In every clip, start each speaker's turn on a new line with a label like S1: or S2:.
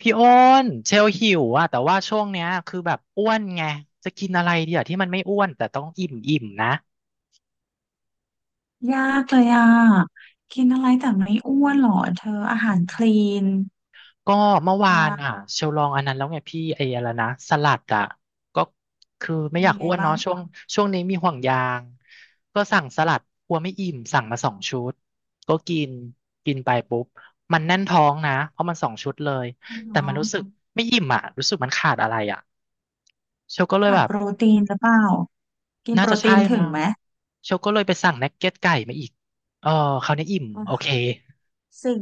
S1: พี่โอ้นเชลหิวอะแต่ว่าช่วงเนี้ยคือแบบอ้วนไงจะกินอะไรดีอะที่มันไม่อ้วนแต่ต้องอิ่มอิ่มนะ
S2: ยากเลยอ่ะ กินอะไรแต่ไม่อ้วนหรอเธออาหารคลีน
S1: ก็เมื่อวานอ่ะ
S2: อ่า
S1: เชลลองอันนั้นแล้วไงพี่ไอ้อะไรนะสลัดอ่ะก็คือไม่
S2: เป็น
S1: อยาก
S2: ยังไง
S1: อ้วน
S2: บ้า
S1: เนาะ
S2: ง
S1: ช่วงนี้มีห่วงยางก็สั่งสลัดกลัวไม่อิ่มสั่งมาสองชุดก็กินกินไปปุ๊บมันแน่นท้องนะเพราะมันสองชุดเลย
S2: อ๋
S1: แต่
S2: อ
S1: มันรู้สึกไม่อิ่มอ่ะรู้สึกมันขาดอะไรอ่ะเชลก็เลย
S2: ขา
S1: แบ
S2: ด
S1: บ
S2: โปรตีนหรือเปล่า กิน
S1: น่า
S2: โปร
S1: จะ
S2: ตี
S1: ใช่
S2: นถึง
S1: มั้ง
S2: ไหม
S1: เชลก็เลยไปสั่งนักเก็ตไก่มาอีกเออคราวนี้อิ่ม
S2: อ๋อ
S1: โอเค
S2: สิ่ง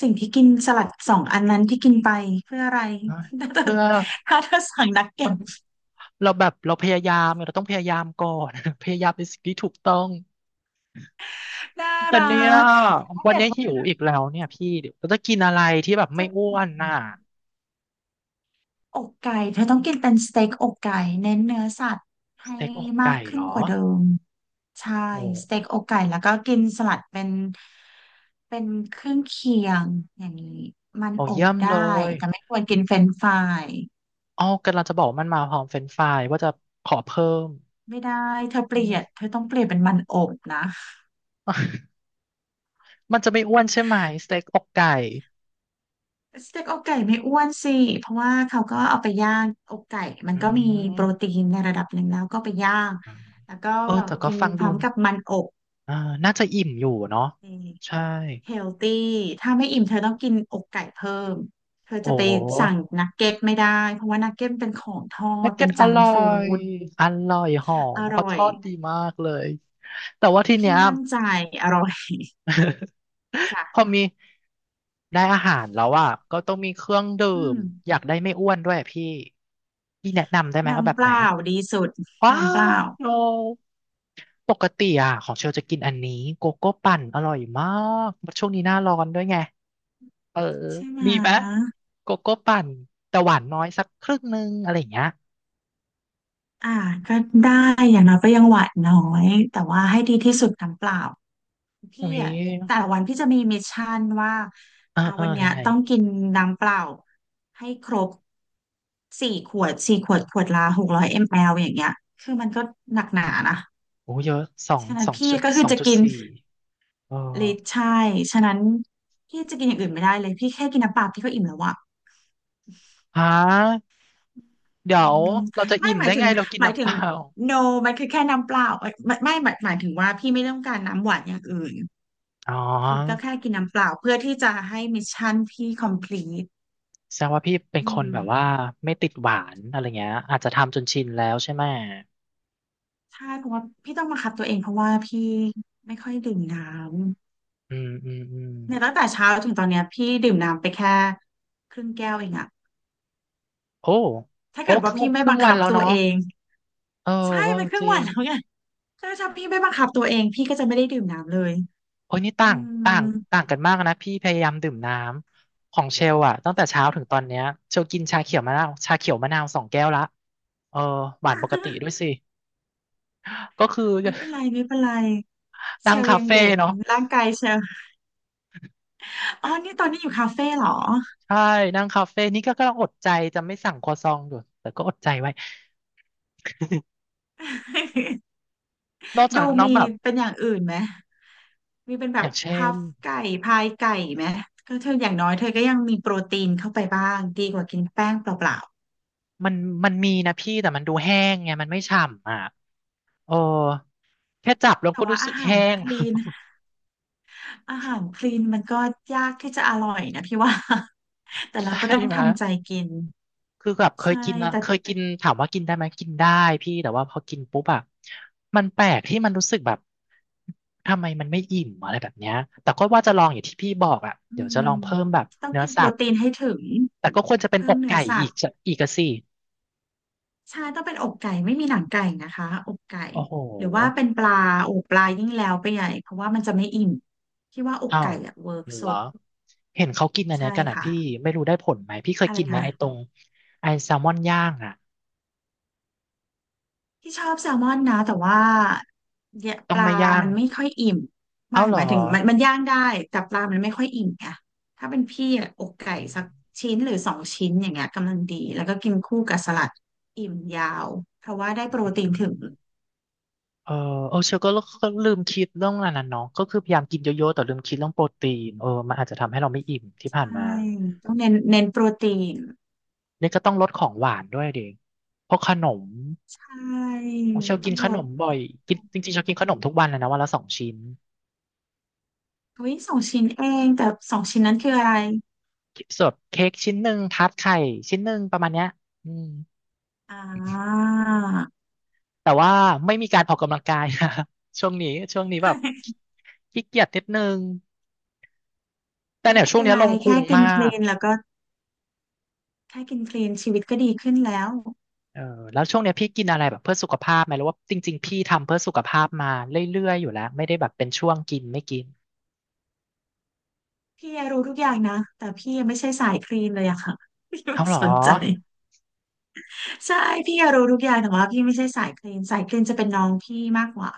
S2: สิ่งที่กินสลัดสองอันนั้นที่กินไปเพื่ออะไร ถ้าเธอ
S1: เพื่อ
S2: ถ้าเธอสั่งนักเก็ต
S1: เราแบบเราพยายามไงเราต้องพยายามก่อน พยายามเป็นสิ่งที่ถูกต้อง
S2: น่า
S1: แต่
S2: รั
S1: เนี่ย
S2: กถ้า
S1: วัน
S2: เกิด
S1: นี้
S2: ว่
S1: หิว
S2: า
S1: อีกแล้วเนี่ยพี่เดี๋ยวเราจะกินอะไรที่แบบไม่
S2: จะเป็น
S1: อ้
S2: อ
S1: ว
S2: ย่าง
S1: น
S2: นั้
S1: น่ะ
S2: น อกไก่เธอต้องกินเป็นสเต็กอกไก่เน้นเนื้อสัตว์
S1: ส
S2: ให้
S1: เต็กอก
S2: มา
S1: ไก่
S2: กขึ้
S1: เหร
S2: น
S1: อ
S2: กว่าเดิมใช่
S1: โอ
S2: สเต็
S1: ้
S2: กอกไก่แล้วก็กินสลัดเป็นเครื่องเคียงอย่างนี้มัน
S1: โอ้
S2: อ
S1: เยี่
S2: บ
S1: ยม
S2: ได้
S1: เลย
S2: แต่ไม่ควรกินเฟรนช์ฟราย
S1: อ๋อกำลังจะบอกมันมาพร้อมเฟรนช์ฟรายว่าจะขอเพิ่ม
S2: ไม่ได้เธอเป
S1: อื
S2: ลี่ยน
S1: ม
S2: เธอต้องเปลี่ยนเป็นมันอบนะ
S1: มันจะไม่อ้วนใช่ไหมสเต็กอกไก่
S2: สเต็กอกไก่ไม่อ้วนสิเพราะว่าเขาก็เอาไปย่างอกไก่มัน
S1: อื
S2: ก็มีโปรตี
S1: ม
S2: นในระดับหนึ่งแล้วก็ไปย่าง
S1: อ่า
S2: แล้วก็
S1: เออแต่ก็
S2: กิน
S1: ฟัง
S2: พ
S1: ดู
S2: ร้อม
S1: นะ
S2: กับมันอบ
S1: อ่าน่าจะอิ่มอยู่เนาะ
S2: นี่
S1: ใช่
S2: เฮลตี้ถ้าไม่อิ่มเธอต้องกินอกไก่เพิ่มเธอ
S1: โอ้
S2: จะไปสั่งนักเก็ตไม่ได้เพราะว่านักเก็ตเป็นของทอ
S1: นั
S2: ด
S1: g เก็
S2: เป็น
S1: ตอ
S2: จัง
S1: ร่อ
S2: ฟู้
S1: ย
S2: ด
S1: อร่อยหอ
S2: อ
S1: ม
S2: ร่
S1: เขา
S2: อ
S1: ท
S2: ย
S1: อดดีมากเลยแต่ว่าทีเนี้
S2: พี่
S1: ย
S2: มั่นใจอร่อย
S1: พ
S2: จ้ะ
S1: อมีได้อาหารแล้วอ่ะก็ต้องมีเครื่องดื่
S2: อื
S1: ม
S2: ม
S1: อยากได้ไม่อ้วนด้วยพี่พี่แนะนำได้ไหมเอาแบ
S2: น้ำ
S1: บ
S2: เป
S1: ไหน
S2: ล่าดีสุด
S1: ว้า
S2: น้ำเป
S1: ว
S2: ล่า
S1: โนปกติอ่ะของเชลจะกินอันนี้โกโก้ปั่นอร่อยมากช่วงนี้หน้าร้อนด้วยไง เออ
S2: ใช่ไหม
S1: ดีไหมโกโก้ปั่นแต่หวานน้อยสักครึ่งนึงอะไรอย่างเงี้ย
S2: อ่าก็ได้อย่างน้อยก็ยังหวานน้อย แต่ว่าให้ดีที่สุดน้ำเปล่าพี่
S1: โอ้ย
S2: อะแต่ละวันพี่จะมีมิชชั่นว่า
S1: เออ
S2: อ่า
S1: เออ
S2: วันเนี้
S1: ยั
S2: ย
S1: งไง
S2: ต้องกินน้ำเปล่าให้ครบ สี่ขวดสี่ขวดขวดละ600 มล.อย่างเงี้ยคือมันก็หนักหนานะ
S1: โอ้เยอะสอง
S2: ฉะนั้
S1: ส
S2: น
S1: อง
S2: พี่
S1: จุด
S2: ก็คื
S1: ส
S2: อ
S1: อง
S2: จะ
S1: จุด
S2: กิน
S1: สี่เออ
S2: ลิตรใช่ฉะนั้นพี่จะกินอย่างอื่นไม่ได้เลยพี่แค่กินน้ำเปล่าพี่ก็อิ่มแล้วอะ
S1: ฮะเดี๋ย
S2: อื
S1: ว
S2: ม
S1: เราจะ
S2: ไม่
S1: อิ่ม
S2: หมา
S1: ได้
S2: ยถึ
S1: ไง
S2: ง
S1: เรากิน
S2: หมาย
S1: น้ำ
S2: ถึ
S1: เป
S2: ง
S1: ล่า
S2: no มันคือแค่น้ำเปล่าเอ้ยไม่หมายหมายถึงว่าพี่ไม่ต้องการน้ำหวานอย่างอื่น
S1: อ๋อ
S2: คือก็แค่กินน้ำเปล่าเพื่อที่จะให้มิชชั่นพี่ complete
S1: แสดงว่าพี่เป็น
S2: อื
S1: คน
S2: ม
S1: แบบว่าไม่ติดหวานอะไรเงี้ยอาจจะทำจนชินแล้วใช่ไหม
S2: ใช่เพราะว่าพี่ต้องบังคับตัวเองเพราะว่าพี่ไม่ค่อยดื่มน้
S1: อืมอืมอืม
S2: เนี่ยตั้งแต่เช้าถึงตอนเนี้ยพี่ดื่มน้ำไปแค่ครึ่งแก้วเองอะ
S1: โอ้
S2: ถ้า
S1: โอ้
S2: เกิด
S1: ค
S2: ว่า
S1: รึ่ง
S2: พี่
S1: ค
S2: ไม่
S1: รึ่
S2: บั
S1: ง
S2: ง
S1: วัน
S2: คับ
S1: แล้ว
S2: ตัว
S1: เนาะ
S2: เอง
S1: เออ
S2: ใช่
S1: เออ
S2: มันครึ่
S1: จ
S2: ง
S1: ริ
S2: วัน
S1: ง
S2: แล้วไงถ้าพี่ไม่บังคับตัวเองพี่ก็จะไม่ได้ดื่มน้ำเลย
S1: โอ้ยนี่
S2: อื
S1: ต่างต่าง
S2: ม
S1: ต่างกันมากนะพี่พยายามดื่มน้ำของเชลอะตั้งแต่เช้าถึงตอนเนี้ยเชลกินชาเขียวมะนาวชาเขียวมะนาวสองแก้วละเออหวานปกติด้วยสิก็คือ
S2: ไม่เป็นไรไม่เป็นไรเช
S1: นั่ง
S2: ล
S1: คา
S2: ยัง
S1: เฟ่
S2: เด็ก
S1: เนาะ
S2: ร่างกายเชลอ๋อนี่ตอนนี้อยู่คาเฟ่เหรอ
S1: ใช่นั่งคาเฟ่นี่ก็กำลังอดใจจะไม่สั่งครัวซองอยู่แต่ก็อดใจไว้ นอกจา
S2: ดู
S1: กน้อง
S2: มี
S1: แบบ
S2: เป็นอย่างอื่นไหมมีเป็นแบ
S1: อ
S2: บ
S1: ย่างเช่
S2: พั
S1: น
S2: ฟไก่พายไก่ไหมก็เธออย่างน้อยเธอก็ยังมีโปรตีนเข้าไปบ้างดีกว่ากินแป้งเปล่า
S1: มันมันมีนะพี่แต่มันดูแห้งไงมันไม่ฉ่ำอ่ะเออแค่จับแล้
S2: ๆ
S1: ว
S2: แต่
S1: ก็
S2: ว่า
S1: รู้สึ
S2: อา
S1: ก
S2: หาร
S1: แห้ง
S2: คลีน อาหารคลีนมันก็ยากที่จะอร่อยนะพี่ว่า แต่ เรา
S1: ใช่
S2: ก็ต้อง
S1: ไหม
S2: ทำใจกิน
S1: คือแบบเคย
S2: ใช่
S1: กินนะ
S2: แต่
S1: เคยกินถามว่ากินได้ไหมกินได้พี่แต่ว่าพอกินปุ๊บอะมันแปลกที่มันรู้สึกแบบทำไมมันไม่อิ่มอะไรแบบเนี้ยแต่ก็ว่าจะลองอย่างที่พี่บอกอะ
S2: อื
S1: เดี๋ยวจะ
S2: ม
S1: ลองเพิ่มแบบ
S2: ต้อง
S1: เนื้อ
S2: กินโป
S1: สั
S2: ร
S1: ตว์
S2: ตีนให้ถึง
S1: แต่ก็ควรจะเป็น
S2: เพิ่
S1: อ
S2: ม
S1: ก
S2: เนื้อ
S1: ไก่
S2: สั
S1: อี
S2: ต
S1: ก
S2: ว์
S1: จะอีกอะสิ
S2: ใช่ต้องเป็นอกไก่ไม่มีหนังไก่นะคะอกไก่
S1: โอ้โห
S2: หรือว่าเป็นปลาโอ้ปลายิ่งแล้วไปใหญ่เพราะว่ามันจะไม่อิ่มพี่ว่าอก
S1: อ้า
S2: ไก่
S1: ว
S2: อะเวิร์ก
S1: เหร
S2: สุ
S1: อ
S2: ด
S1: เห็นเขากินอันเนี้
S2: ใช่
S1: ยกันอะ
S2: ค่ะ
S1: พี่ไม่รู้ได้ผลไหมพี่เคย
S2: อะไร
S1: กินไหม
S2: คะ
S1: ไอ้ตรงไอ้แซลมอนย่างอะ
S2: ที่ชอบแซลมอนนะแต่ว่าเนี่ย
S1: ต้
S2: ป
S1: อง
S2: ลา
S1: ไม่ย่าง
S2: มันไม่ค่อยอิ่ม
S1: เอ้า
S2: ไม่
S1: เหร
S2: ห
S1: อ
S2: มายถึงมันย่างได้แต่ปลามันไม่ค่อยอิ่มไงถ้าเป็นพี่อะอกไก่
S1: อื
S2: สักชิ้นหรือสองชิ้นอย่างเงี้ยกำลังดีแล้วก็กินคู่กับสลัดอิ่มยาวเพราะว่าได้โปรตีน
S1: ม
S2: ถึง
S1: เออเออเชลก็ลืมคิดเรื่องันนั้นน่ะเนาะก็คือพยายามกินเยอะๆแต่ลืมคิดเรื่องโปรตีนเออมันอาจจะทำให้เราไม่อิ่มที่
S2: ใช
S1: ผ่านมา
S2: ่ต้องเน้นโปรตีน
S1: เนี่ยก็ต้องลดของหวานด้วยเดิเพราะขนม
S2: ใช่
S1: เชล
S2: ต้
S1: กิ
S2: อ
S1: น
S2: ง
S1: ข
S2: ล
S1: น
S2: ด
S1: มบ่อยกินจริงๆเชลกินขนมทุกวันเลยนะวันละสองชิ้น
S2: เฮ้ยสองชิ้นเองแต่สองชิ้นนั้นคืออะไร
S1: ส่วนเค้กชิ้นหนึ่งทาร์ตไข่ชิ้นหนึ่งประมาณเนี้ยอืม
S2: อ่า
S1: แต่ว่าไม่มีการออกกำลังกาย ช่วงนี้แบบ ขี้เกียจนิดนึงแต่
S2: ไม่
S1: เนี่ย
S2: เป็
S1: ช่วง
S2: น
S1: นี้
S2: ไร
S1: ลงพุ
S2: แค่
S1: ง
S2: กิน
S1: มา
S2: คลี
S1: ก
S2: นแล้วก็ แค่กินคลีนชีวิตก็ดีขึ้นแล้ว
S1: เออแล้วช่วงเนี้ยพี่กินอะไรแบบเพื่อสุขภาพไหมหรือว่าจริงๆพี่ทำเพื่อสุขภาพมาเรื่อยๆอยู่แล้วไม่ได้แบบเป็นช่วงกินไม่กิน
S2: พี่รู้ทุกอย่างนะ แต่พี่ยังไม่ใช่สายคลีนเลยอะค่ะพี่ไม่
S1: เอาเหรอ
S2: สนใจใช่พี่รู้ทุกอย่างแต่ว่าพี่ไม่ใช่สายคลีนจะเป็นน้องพี่มากกว่า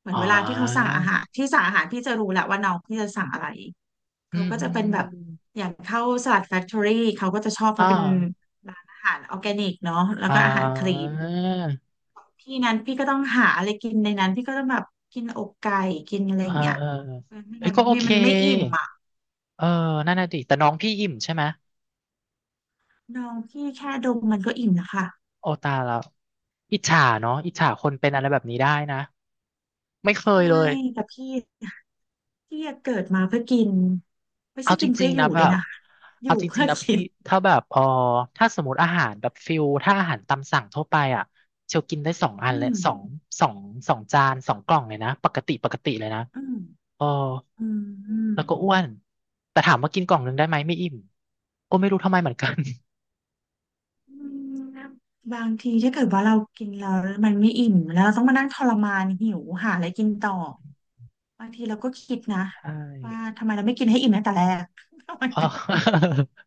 S2: เหมือ
S1: อ๋
S2: นเวลาที่เขาสั่
S1: อ
S2: งอาหารที่สั่งอาหารพี่จะรู้แหละว่าน้องพี่จะสั่งอะไร
S1: อื
S2: เขา
S1: ม
S2: ก็
S1: อื
S2: จะเป็นแบบ
S1: ม
S2: อย่างเข้าสลัดแฟคทอรี่เขาก็จะชอบเพ
S1: อ๋อ
S2: ราะเป็นร้านอาหารออร์แกนิกเนาะแล้ว
S1: อ๋อ
S2: ก็อาหารคลีนพี่นั้นพี่ก็ต้องหาอะไรกินในนั้นพี่ก็ต้องแบบกินอกไก่กินอะไร
S1: เอ
S2: อ
S1: อ
S2: ย่างเงี้ย
S1: เออ
S2: ไม่
S1: เอ้ย
S2: งั้น
S1: ก็โอ
S2: ไม่
S1: เค
S2: มันไม่อิ่มอ่ะ
S1: เออนั่นน่ะดิแต่น้องพี่อิ่มใช่ไหม
S2: น้องพี่แค่ดมมันก็อิ่มนะคะ
S1: โอตายแล้วอิจฉาเนาะอิจฉาคนเป็นอะไรแบบนี้ได้นะไม่เคย
S2: ใช่
S1: เลย
S2: แต่พี่เกิดมาเพื่อกินไม่
S1: เอา
S2: ใช่
S1: จ
S2: กิน
S1: ริ
S2: เพื่
S1: ง
S2: ออ
S1: ๆ
S2: ยู่
S1: นะแบ
S2: ด้วย
S1: บ
S2: นะคะอยู่
S1: เอาจริ
S2: เพื่
S1: ง
S2: อ
S1: ๆนะ
S2: กิ
S1: พี่
S2: น
S1: ถ้าแบบเออถ้าสมมติอาหารแบบฟิลถ้าอาหารตามสั่งทั่วไปอ่ะเชลกินได้สองอัน
S2: อื
S1: และ
S2: ม
S1: สองสองจานสองกล่องเลยนะปกติปกติเลยนะ
S2: อืม
S1: เออ
S2: อืมอืม
S1: แล้วก็อ้วนแต่ถามว่ากินกล่องหนึงได้ไหมไม่อิ่มก็ไม่รู้ทำไมเหมือนกัน
S2: อืมบางทีถ้าเกิดว่าเรากินแล้วมันไม่อิ่มแล้วเราต้องมานั่งทรมานหิวหาอะไรกินต่อบางทีเราก็คิดนะ
S1: ใช่
S2: ว่าทำไมเราไม่กินให้อิ่มตั้งแต่แรก ทำไม
S1: เอ
S2: มัน
S1: อ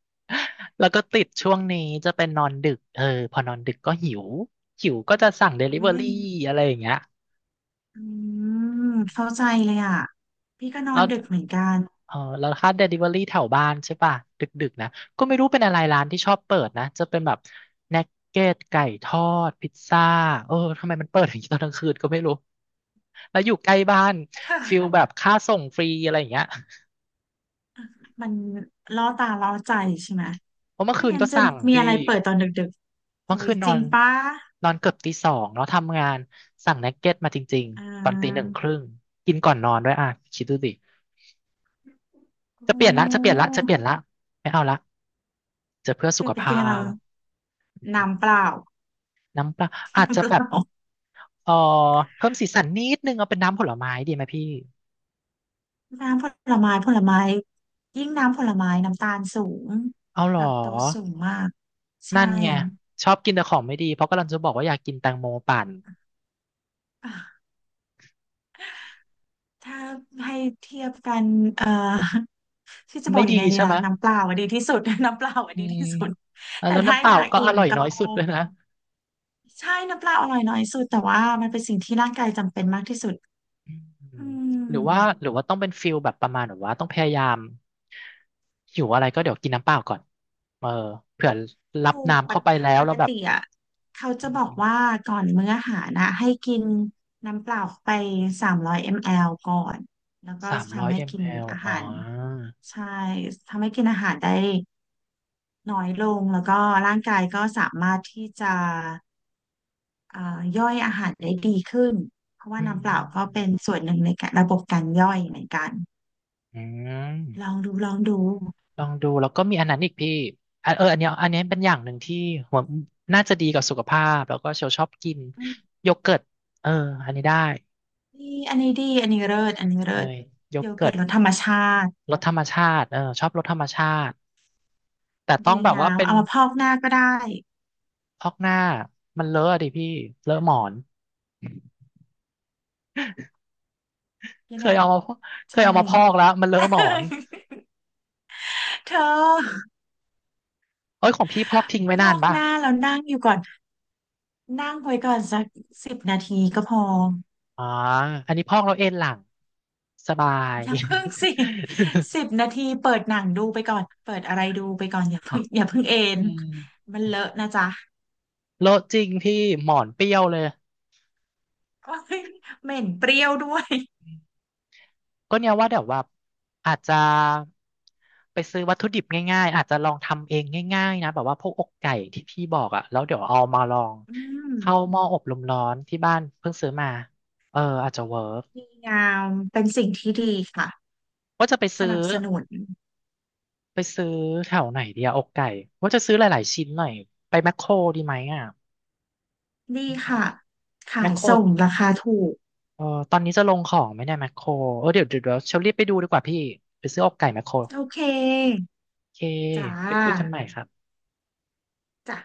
S1: แล้วก็ติดช่วงนี้จะเป็นนอนดึกเออพอนอนดึกก็หิวหิวก็จะสั่งเดลิ
S2: ทำไม
S1: เวอ
S2: เรื่อง
S1: รี่
S2: นี้
S1: อะไรอย่างเงี้ย
S2: อืมเข้าใจเลยอ่ะพี่ก็นอ
S1: แล้
S2: น
S1: ว
S2: ดึกเหมือนกัน
S1: เออแล้วถ้า Delivery แถวบ้านใช่ป่ะดึกๆนะก็ไม่รู้เป็นอะไรร้านที่ชอบเปิดนะจะเป็นแบบนักเก็ตไก่ทอดพิซซ่าเออทำไมมันเปิดอย่างนี้ตอนกลางคืนก็ไม่รู้แล้วอยู่ใกล้บ้าน
S2: เธอ
S1: ฟิลแบบค่าส่งฟรีอะไรอย่างเงี้ย
S2: มันล่อตาล่อใจใช่ไหม
S1: เพราะเมื่อ
S2: ไม่
S1: คืน
S2: งั้
S1: ก็
S2: นจะ
S1: สั่ง
S2: มี
S1: พี่
S2: อะไรเปิดตอนดึกๆ
S1: เมื่
S2: โอ้
S1: อ
S2: ย
S1: คืนน
S2: จ
S1: อ
S2: ริง
S1: น
S2: ปะ
S1: นอนเกือบตีสองเนาะทำงานสั่งนักเก็ตมาจริง
S2: อ่
S1: ๆตอนตีหนึ่ง
S2: า
S1: ครึ่งกินก่อนนอนด้วยอ่ะคิดดูดิจะ
S2: โอ
S1: เปลี่ยนละจะเปลี่ย
S2: ้
S1: นละจะเปลี่ยนละไม่เอาละจะเพื่อสุ
S2: เกิ
S1: ข
S2: ดเป็น
S1: ภา
S2: กินอะไรเหร
S1: พ
S2: อน้ำเปล่า
S1: น้ำเปล่าอาจ
S2: น้ำ
S1: จะ
S2: เป
S1: แบบ
S2: ล่า
S1: เออเพิ่มสีสันนิดนึงเอาเป็นน้ำผลไม้ดีไหมพี่
S2: น้ำผลไม้ผลไม้ยิ่งน้ำผลไม้น้ำตาลสูง
S1: เอาเหร
S2: แล
S1: อ
S2: คโตสสูงมากใช่
S1: นั่นไงชอบกินแต่ของไม่ดีเพราะกำลังจะบอกว่าอยากกินแตงโมปั่น
S2: อ่ะถ้าให้เทียบกันเอ่อที่จะบอ
S1: ไม่
S2: กยั
S1: ดี
S2: งไงดี
S1: ใช่ไห
S2: ล่ะ
S1: ม
S2: น้ำเปล่าอะดีที่สุด น้ำเปล่าอะ
S1: อื
S2: ดี
S1: ม
S2: ที่สุดแต่
S1: แล้ว
S2: ถ้า
S1: น้ำเป
S2: อ
S1: ล่า
S2: ยาก
S1: ก็
S2: อิ่
S1: อ
S2: ม
S1: ร่อย
S2: ก็
S1: น้อยสุดเลยนะ
S2: ใช่น้ำเปล่าอร่อยน้อยสุดแต่ว่ามันเป็นสิ่งที่ร่างกายจำเป็นมากที่สุด
S1: อื
S2: อื
S1: มหรือว่า
S2: ม
S1: หรือว่าต้องเป็นฟิลแบบประมาณแบบว่าต้องพยายามหิวอะไรก็เดี๋ยวกินน้ำเปล่าก่อนเออเผื่อรับ
S2: ถูก
S1: น้ำ
S2: ป
S1: เข้า
S2: ก
S1: ไปแล้ว
S2: ป
S1: แล้
S2: ก
S1: วแบบ
S2: ติอ่ะเขาจะบอกว่าก่อนมื้ออาหารนะให้กินน้ำเปล่าไป300 มิลลิลิตรก่อนแล้วก็
S1: สามร้อย
S2: ทำ
S1: ม
S2: ให้
S1: ลลิล
S2: กิน
S1: ิตร
S2: อาหา
S1: อ๋อ
S2: รใช่ทำให้กินอาหารได้น้อยลงแล้วก็ร่างกายก็สามารถที่จะเอ่าย่อยอาหารได้ดีขึ้นเพราะว่า
S1: อืม
S2: น้ำเป
S1: อื
S2: ล่า
S1: ม
S2: ก็เป็นส่วนหนึ่งในการระบบการย่อยเหมือนกัน
S1: อืม
S2: ลองดูลองดู
S1: ลองดูแล้วก็มีอันนั้นอีกพี่อ่ะเอออันเนี้ยเป็นอย่างหนึ่งที่หัวน่าจะดีกับสุขภาพแล้วก็เชลชอบกินโยเกิร์ตเอออันนี้ได้
S2: ดีอันนี้ดีอันนี้เลิศอันนี้เลิ
S1: เออ
S2: ศ
S1: โย
S2: โย
S1: เกิ
S2: เกิร์
S1: ร์ต
S2: ตรสธรรมชาติ
S1: รสธรรมชาติเออชอบรสธรรมชาติแต่ต้อง
S2: ดี
S1: แบบ
S2: งา
S1: ว่า
S2: ม
S1: เป็น
S2: เอามาพอกหน้าก็ได้
S1: พอกหน้ามันเลอะดิพี่เลอะหมอน
S2: ยั
S1: เค
S2: งไง
S1: ยเอามาพอกเค
S2: ใช่
S1: ยเอามาพอกแล้วมันเลอะหมอน
S2: เธอ
S1: เอ้ยของพี่พอกทิ้งไว้
S2: พ
S1: นา
S2: อ
S1: น
S2: ก
S1: ปะ
S2: หน้าแล้วนั่งอยู่ก่อนนั่งไว้ก่อนสักสิบนาทีก็พอ
S1: อ๋ออันนี้พอกแล้วเอนหลังสบาย
S2: อย่าเพิ่งสิสิบนาทีเปิดหนังดูไปก่อนเปิดอะไรดูไปก่อนอย่าเพิ่ง อย่าเพิ่งเอน
S1: อืม
S2: มันเลอะนะจ๊ะ
S1: โลอะจริงพี่หมอนเปรี้ยวเลย
S2: โอ๊ยเหม็นเปรี้ยวด้วย
S1: ก็เนี่ยว่าเดี๋ยวว่าอาจจะไปซื้อวัตถุดิบง่ายๆอาจจะลองทำเองง่ายๆนะแบบว่าพวกอกไก่ที่พี่บอกอ่ะแล้วเดี๋ยวเอามาลอง
S2: อืม
S1: เข้าหม้ออบลมร้อนที่บ้านเพิ่งซื้อมาเอออาจจะเวิร์ก
S2: ดีงามเป็นสิ่งที่ดีค่ะ
S1: ว่าจะไป
S2: ส
S1: ซื้อ
S2: นับสนุน
S1: ไปซื้อแถวไหนดีอะอกไก่ว่าจะซื้อหลายๆชิ้นหน่อยไปแมคโครดีไหมอ่ะ
S2: ดี
S1: อืม
S2: ค่ะ
S1: แม
S2: ขา
S1: ค
S2: ย
S1: โคร
S2: ส่งราคาถูก
S1: เออตอนนี้จะลงของไหมเนี่ยแมคโครเออเดี๋ยวเดี๋ยวเดี๋ยวเชลรีบไปดูดีกว่าพี่ไปซื้ออกไก่แมคโคร
S2: โอเค
S1: โอเค
S2: จ้า
S1: ไปคุยกันใหม่ครับ
S2: จ้ะ